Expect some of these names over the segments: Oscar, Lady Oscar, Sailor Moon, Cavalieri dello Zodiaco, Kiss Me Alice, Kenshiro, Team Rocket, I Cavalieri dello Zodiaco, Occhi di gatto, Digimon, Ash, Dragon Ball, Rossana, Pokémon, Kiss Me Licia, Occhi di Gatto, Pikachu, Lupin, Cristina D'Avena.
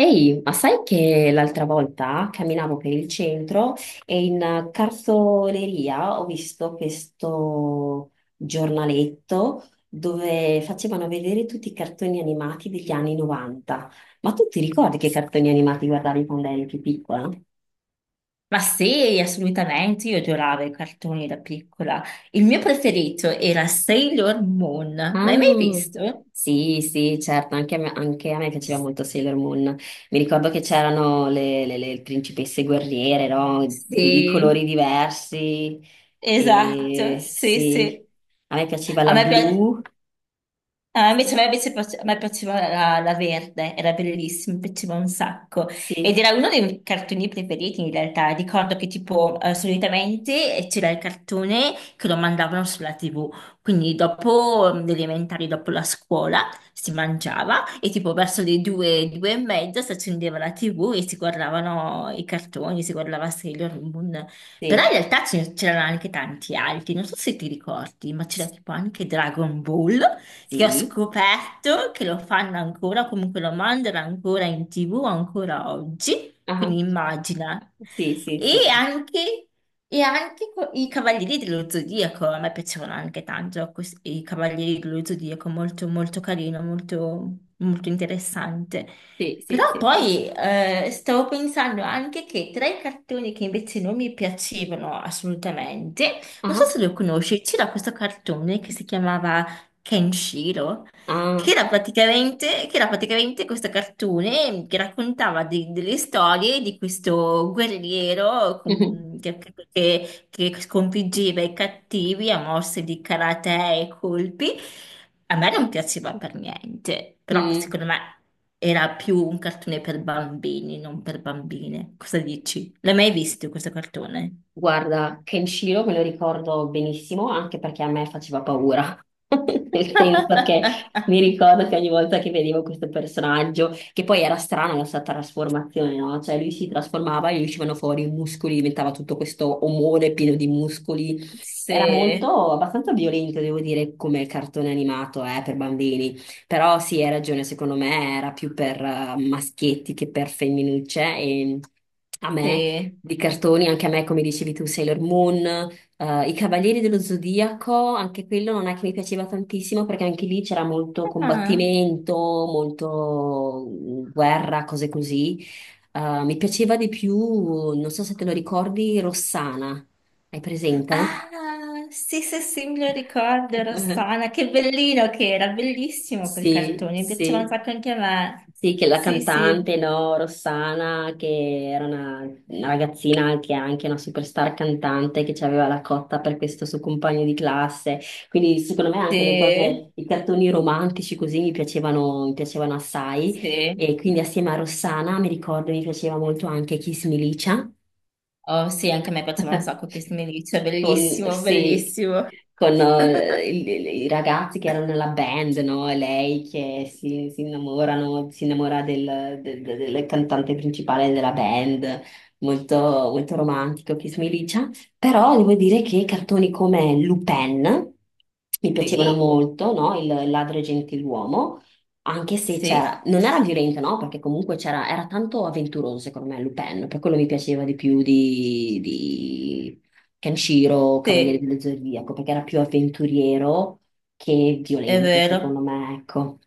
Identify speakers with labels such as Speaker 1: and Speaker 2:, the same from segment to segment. Speaker 1: Ehi, ma sai che l'altra volta camminavo per il centro e in cartoleria ho visto questo giornaletto dove facevano vedere tutti i cartoni animati degli anni 90. Ma tu ti ricordi che cartoni animati guardavi quando eri più piccola?
Speaker 2: Ma sì, assolutamente, io adoravo i cartoni da piccola. Il mio preferito era Sailor Moon.
Speaker 1: Ah,
Speaker 2: L'hai mai visto?
Speaker 1: sì, sì, certo, anche a me piaceva
Speaker 2: S-
Speaker 1: molto Sailor Moon. Mi ricordo che
Speaker 2: s-
Speaker 1: c'erano le principesse guerriere, no? Di colori
Speaker 2: Sì,
Speaker 1: diversi.
Speaker 2: esatto,
Speaker 1: E
Speaker 2: sì,
Speaker 1: sì,
Speaker 2: sì.
Speaker 1: a me piaceva
Speaker 2: A
Speaker 1: la
Speaker 2: me piace.
Speaker 1: blu.
Speaker 2: Ah, invece a
Speaker 1: Sì.
Speaker 2: me, invece a me piaceva la verde, era bellissima, mi piaceva un sacco. Ed
Speaker 1: Sì,
Speaker 2: era uno dei miei cartoni preferiti in realtà. Ricordo che tipo solitamente c'era il cartone che lo mandavano sulla TV, quindi dopo le elementari, dopo la scuola, si mangiava e tipo verso le due, due e mezza si accendeva la TV e si guardavano i cartoni, si guardava Sailor Moon. Però in
Speaker 1: sì,
Speaker 2: realtà c'erano anche tanti altri, non so se ti ricordi, ma c'era tipo anche Dragon Ball che ho
Speaker 1: sì.
Speaker 2: scoperto che lo fanno ancora, comunque lo mandano ancora in TV ancora oggi,
Speaker 1: Ah,
Speaker 2: quindi immagina.
Speaker 1: sì, sì,
Speaker 2: E
Speaker 1: sì.
Speaker 2: anche, e anche i Cavalieri dello Zodiaco, a me piacevano anche tanto i Cavalieri dello Zodiaco, molto molto carino, molto, molto interessante.
Speaker 1: Sì, sì,
Speaker 2: Però
Speaker 1: sì, sì.
Speaker 2: poi stavo pensando anche che tra i cartoni che invece non mi piacevano assolutamente, non so
Speaker 1: Ah,
Speaker 2: se lo conosci, c'era questo cartone che si chiamava Kenshiro,
Speaker 1: ah.
Speaker 2: che era praticamente questo cartone che raccontava delle storie di questo guerriero che sconfiggeva i cattivi a mosse di karate e colpi. A me non piaceva per niente, però
Speaker 1: Mm.
Speaker 2: secondo me era più un cartone per bambini, non per bambine. Cosa dici? L'hai mai visto questo cartone?
Speaker 1: Guarda, Kenshiro me lo ricordo benissimo, anche perché a me faceva paura. Nel senso che mi ricordo che ogni volta che vedevo questo personaggio, che poi era strana la sua trasformazione, no? Cioè lui si trasformava e gli uscivano fuori i muscoli, diventava tutto questo omone pieno di muscoli. Era
Speaker 2: Sì,
Speaker 1: molto, abbastanza violento, devo dire, come cartone animato, per bambini. Però sì, hai ragione, secondo me era più per maschietti che per femminucce e... A me
Speaker 2: sì.
Speaker 1: di cartoni, anche a me, come dicevi tu, Sailor Moon, I Cavalieri dello Zodiaco, anche quello non è che mi piaceva tantissimo perché anche lì c'era molto
Speaker 2: Ah.
Speaker 1: combattimento, molto guerra, cose così. Mi piaceva di più, non so se te lo ricordi, Rossana. Hai presente?
Speaker 2: Ah, sì, sì, sì, me lo ricordo, Rossana, che bellino che era, bellissimo quel
Speaker 1: Sì,
Speaker 2: cartone, mi piaceva un
Speaker 1: sì.
Speaker 2: sacco anche a me.
Speaker 1: Sì, che la
Speaker 2: Sì, sì,
Speaker 1: cantante, no, Rossana, che era una ragazzina che è anche una superstar cantante, che ci aveva la cotta per questo suo compagno di classe. Quindi secondo me anche le
Speaker 2: sì,
Speaker 1: cose, i cartoni romantici così mi piacevano assai.
Speaker 2: sì.
Speaker 1: E quindi assieme a Rossana mi ricordo mi piaceva molto anche Kiss Me Licia.
Speaker 2: Oh, sì, anche a me piaceva un sacco Kiss Me Alice,
Speaker 1: Con,
Speaker 2: bellissimo,
Speaker 1: sì,
Speaker 2: bellissimo.
Speaker 1: con i ragazzi che erano nella band, no? E lei che si innamora del cantante principale della band, molto, molto romantico, Kiss Me Licia. Però devo dire che cartoni come Lupin mi piacevano
Speaker 2: Sì,
Speaker 1: molto, no? Il ladro e gentiluomo. Anche se
Speaker 2: sì,
Speaker 1: c'era, non era violento, no? Perché comunque c'era, era tanto avventuroso, secondo me, Lupin, per quello mi piaceva di più di Kenshiro, Cavaliere
Speaker 2: sì,
Speaker 1: dello Zodiaco, perché era più avventuriero che
Speaker 2: è
Speaker 1: violento, secondo
Speaker 2: vero.
Speaker 1: me, ecco.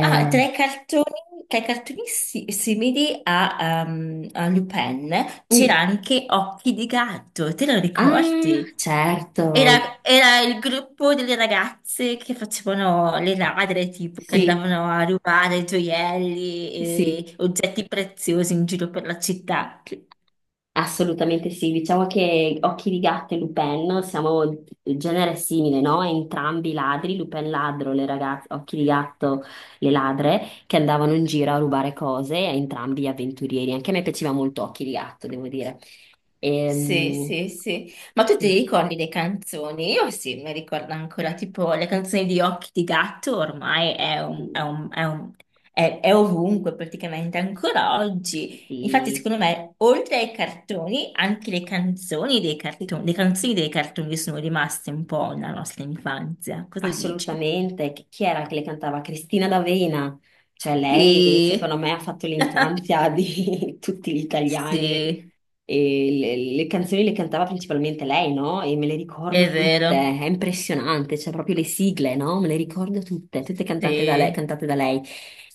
Speaker 2: Ah, tra i cartoni, tra i cartoni simili a, a Lupin
Speaker 1: uh,
Speaker 2: c'era anche Occhi di gatto, te lo
Speaker 1: ah,
Speaker 2: ricordi?
Speaker 1: certo,
Speaker 2: Era il gruppo delle ragazze che facevano le ladre, tipo, che
Speaker 1: sì,
Speaker 2: andavano a rubare gioielli
Speaker 1: sì.
Speaker 2: e oggetti preziosi in giro per la città.
Speaker 1: Assolutamente sì, diciamo che Occhi di Gatto e Lupin siamo genere simile, no? Entrambi ladri, Lupin ladro, le ragazze, Occhi di Gatto le ladre che andavano in giro a rubare cose, e entrambi avventurieri. Anche a me piaceva molto Occhi di Gatto, devo dire.
Speaker 2: Sì,
Speaker 1: Ehm,
Speaker 2: sì, sì. Ma tu ti
Speaker 1: sì,
Speaker 2: ricordi le canzoni? Io sì, mi ricordo ancora, tipo le canzoni di Occhi di Gatto ormai è, un- è
Speaker 1: sì,
Speaker 2: un- è un- è ovunque praticamente, ancora oggi. Infatti, secondo me, oltre ai cartoni, anche le canzoni dei
Speaker 1: sì,
Speaker 2: cartoni, le canzoni dei cartoni sono rimaste un po' nella nostra infanzia. Cosa dici?
Speaker 1: assolutamente. Chi era che le cantava? Cristina D'Avena. Cioè lei, secondo
Speaker 2: Sì.
Speaker 1: me, ha fatto l'infanzia di tutti gli italiani.
Speaker 2: Sì,
Speaker 1: E le canzoni le cantava principalmente lei, no? E me le
Speaker 2: è
Speaker 1: ricordo tutte,
Speaker 2: vero.
Speaker 1: è impressionante, cioè proprio le sigle, no? Me le ricordo tutte, tutte cantate da lei,
Speaker 2: Sì.
Speaker 1: cantate da lei.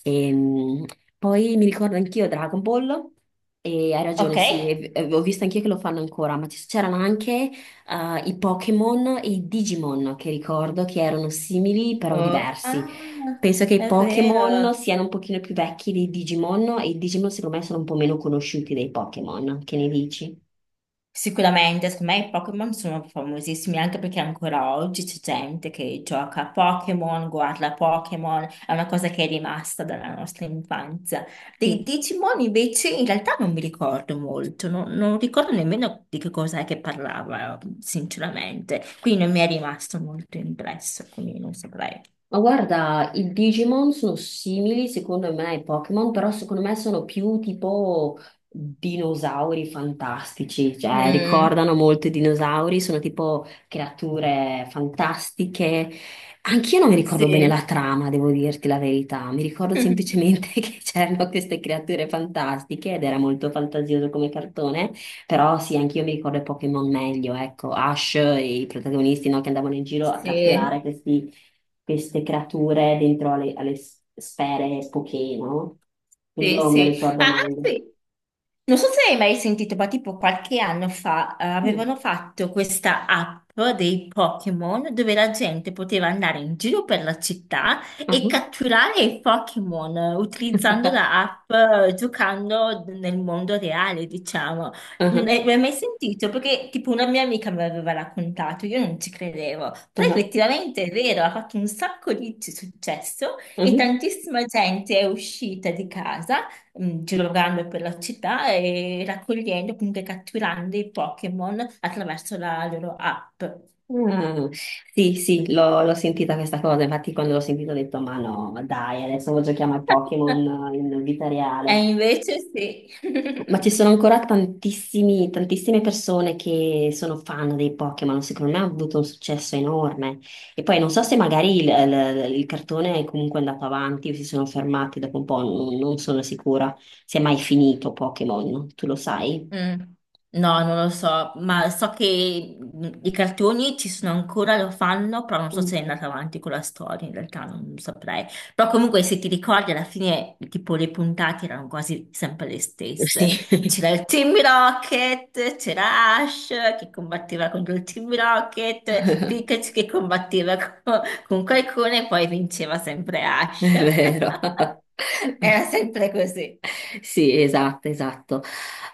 Speaker 1: Ehm, poi mi ricordo anch'io Dragon Ball, e hai
Speaker 2: Ok?
Speaker 1: ragione, sì, e ho visto anch'io che lo fanno ancora, ma c'erano anche i Pokémon e i Digimon, che ricordo che erano simili però
Speaker 2: Oh,
Speaker 1: diversi.
Speaker 2: ah,
Speaker 1: Penso che i
Speaker 2: è
Speaker 1: Pokémon
Speaker 2: vero.
Speaker 1: siano un pochino più vecchi dei Digimon e i Digimon secondo me sono un po' meno conosciuti dei Pokémon, che ne dici?
Speaker 2: Sicuramente, secondo me i Pokémon sono famosissimi anche perché ancora oggi c'è gente che gioca a Pokémon, guarda a Pokémon, è una cosa che è rimasta dalla nostra infanzia. Dei
Speaker 1: Sì.
Speaker 2: Digimon invece in realtà non mi ricordo molto, non ricordo nemmeno di che cosa è che parlava, sinceramente. Quindi non mi è rimasto molto impresso, quindi non saprei.
Speaker 1: Ma guarda, i Digimon sono simili secondo me ai Pokémon, però secondo me sono più tipo dinosauri fantastici, cioè
Speaker 2: Mm,
Speaker 1: ricordano molto i dinosauri, sono tipo creature fantastiche. Anch'io non mi ricordo bene
Speaker 2: sì.
Speaker 1: la trama, devo dirti la verità, mi ricordo semplicemente che c'erano queste creature fantastiche ed era molto fantasioso come cartone, però sì, anch'io mi ricordo i Pokémon meglio, ecco, Ash e i protagonisti no, che andavano in giro a
Speaker 2: Sì,
Speaker 1: catturare questi queste creature dentro alle sfere poche, no?
Speaker 2: sì,
Speaker 1: Quello me lo
Speaker 2: sì.
Speaker 1: ricordo
Speaker 2: Ah, ah,
Speaker 1: meglio.
Speaker 2: sì. Non so se hai mai sentito, ma tipo qualche anno fa,
Speaker 1: Mm.
Speaker 2: avevano fatto questa app dei Pokémon dove la gente poteva andare in giro per la città
Speaker 1: Ah.
Speaker 2: e catturare i Pokémon utilizzando la app, giocando nel mondo reale, diciamo. Non
Speaker 1: Ah.
Speaker 2: hai mai sentito? Perché tipo una mia amica me l'aveva raccontato, io non ci credevo.
Speaker 1: Ah.
Speaker 2: Però
Speaker 1: Ah.
Speaker 2: effettivamente è vero, ha fatto un sacco di successo e tantissima gente è uscita di casa girando per la città e raccogliendo, comunque catturando i Pokémon attraverso la loro app.
Speaker 1: Sì, sì, l'ho sentita questa cosa, infatti quando l'ho sentita ho detto ma no, ma dai, adesso lo giochiamo ai Pokémon in vita
Speaker 2: E
Speaker 1: reale.
Speaker 2: invece sì.
Speaker 1: Ma ci sono ancora tantissime persone che sono fan dei Pokémon, secondo me ha avuto un successo enorme. E poi non so se magari il cartone è comunque andato avanti o si sono fermati dopo un po', non sono sicura se è mai finito Pokémon, tu lo sai?
Speaker 2: Mm. No, non lo so, ma so che i cartoni ci sono ancora, lo fanno, però non so se
Speaker 1: Mm.
Speaker 2: è andata avanti con la storia, in realtà non saprei. Però comunque se ti ricordi alla fine tipo le puntate erano quasi sempre le stesse.
Speaker 1: Sì.
Speaker 2: C'era il Team Rocket, c'era Ash che combatteva contro il Team Rocket, Pikachu che combatteva co- con qualcuno e poi vinceva sempre Ash.
Speaker 1: È vero.
Speaker 2: Era sempre così.
Speaker 1: Sì, esatto, esatto.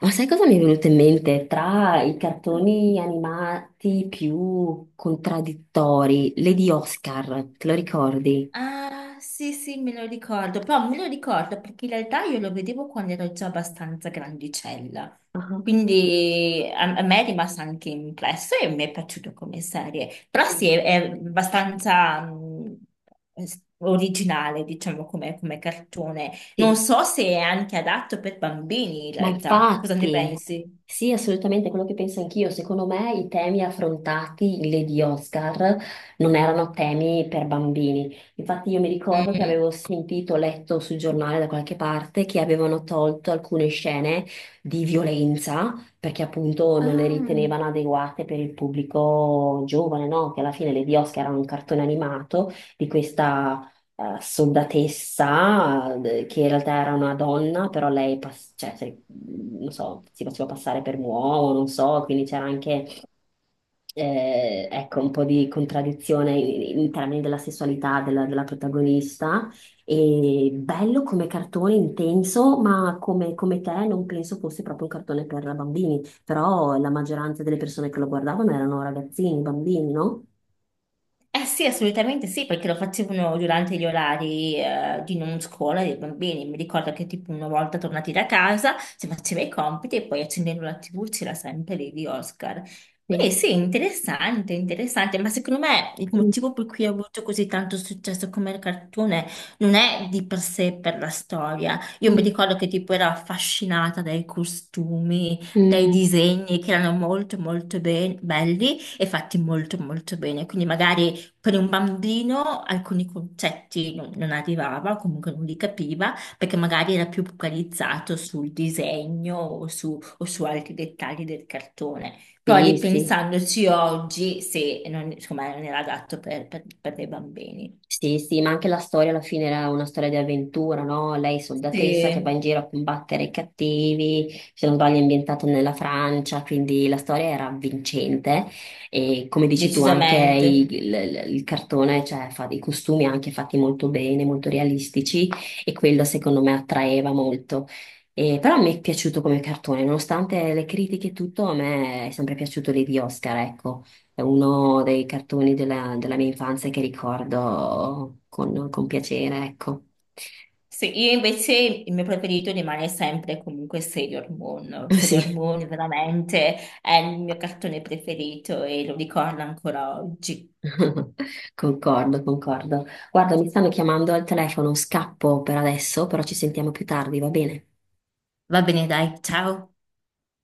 Speaker 1: Ma sai cosa mi è venuto in mente? Tra i cartoni animati più contraddittori, Lady Oscar, te lo ricordi?
Speaker 2: Ah, sì, sì, me lo ricordo, però me lo ricordo perché in realtà io lo vedevo quando ero già abbastanza grandicella,
Speaker 1: Ah,
Speaker 2: quindi a me è rimasto anche impresso e mi è piaciuto come serie, però sì,
Speaker 1: sì.
Speaker 2: è abbastanza originale, diciamo, come, come cartone. Non
Speaker 1: Sì.
Speaker 2: so se è anche adatto per bambini in
Speaker 1: Ma
Speaker 2: realtà, cosa ne
Speaker 1: infatti,
Speaker 2: pensi?
Speaker 1: sì, assolutamente quello che penso anch'io. Secondo me i temi affrontati le di Oscar non erano temi per bambini. Infatti io mi ricordo che
Speaker 2: Mm.
Speaker 1: avevo sentito, letto sul giornale da qualche parte che avevano tolto alcune scene di violenza perché appunto non le
Speaker 2: Ah.
Speaker 1: ritenevano adeguate per il pubblico giovane, no? Che alla fine le di Oscar era un cartone animato di questa soldatessa, che in realtà era una donna, però lei, cioè, non so, si faceva passare per un uomo, non so, quindi c'era anche, ecco, un po' di contraddizione in termini della, sessualità della protagonista. E bello come cartone, intenso, ma come te non penso fosse proprio un cartone per bambini, però la maggioranza delle persone che lo guardavano erano ragazzini, bambini, no?
Speaker 2: Eh sì, assolutamente sì, perché lo facevano durante gli orari di non scuola dei bambini. Mi ricordo che tipo una volta tornati da casa si faceva i compiti e poi accendendo la TV c'era sempre lì di Oscar. Quindi
Speaker 1: Sì.
Speaker 2: sì, interessante, interessante, ma secondo me il
Speaker 1: Mm,
Speaker 2: motivo per cui ha avuto così tanto successo come il cartone non è di per sé per la storia. Io mi
Speaker 1: mm,
Speaker 2: ricordo che tipo ero affascinata dai costumi, dai
Speaker 1: mm.
Speaker 2: disegni che erano molto molto belli e fatti molto molto bene. Quindi magari per un bambino alcuni concetti non arrivava, comunque non li capiva, perché magari era più focalizzato sul disegno o su altri dettagli del cartone. Però
Speaker 1: Sì, sì,
Speaker 2: ripensandoci oggi, sì, non, insomma, non era adatto per dei bambini.
Speaker 1: sì, sì, ma anche la storia alla fine era una storia di avventura, no? Lei soldatessa che va in
Speaker 2: Sì,
Speaker 1: giro a combattere i cattivi, se non sbaglio è ambientata nella Francia, quindi la storia era avvincente e come dici tu anche
Speaker 2: decisamente.
Speaker 1: il cartone, cioè fa dei costumi anche fatti molto bene, molto realistici e quello secondo me attraeva molto. E, però mi è piaciuto come cartone, nonostante le critiche e tutto, a me è sempre piaciuto lì di Oscar, ecco. È uno dei cartoni della mia infanzia che ricordo con piacere, ecco.
Speaker 2: Sì, io invece il mio preferito rimane sempre comunque Sailor Moon. Sailor
Speaker 1: Sì,
Speaker 2: Moon veramente è il mio cartone preferito e lo ricordo ancora oggi.
Speaker 1: concordo, concordo. Guarda, mi stanno chiamando al telefono, scappo per adesso, però ci sentiamo più tardi, va bene?
Speaker 2: Va bene, dai, ciao.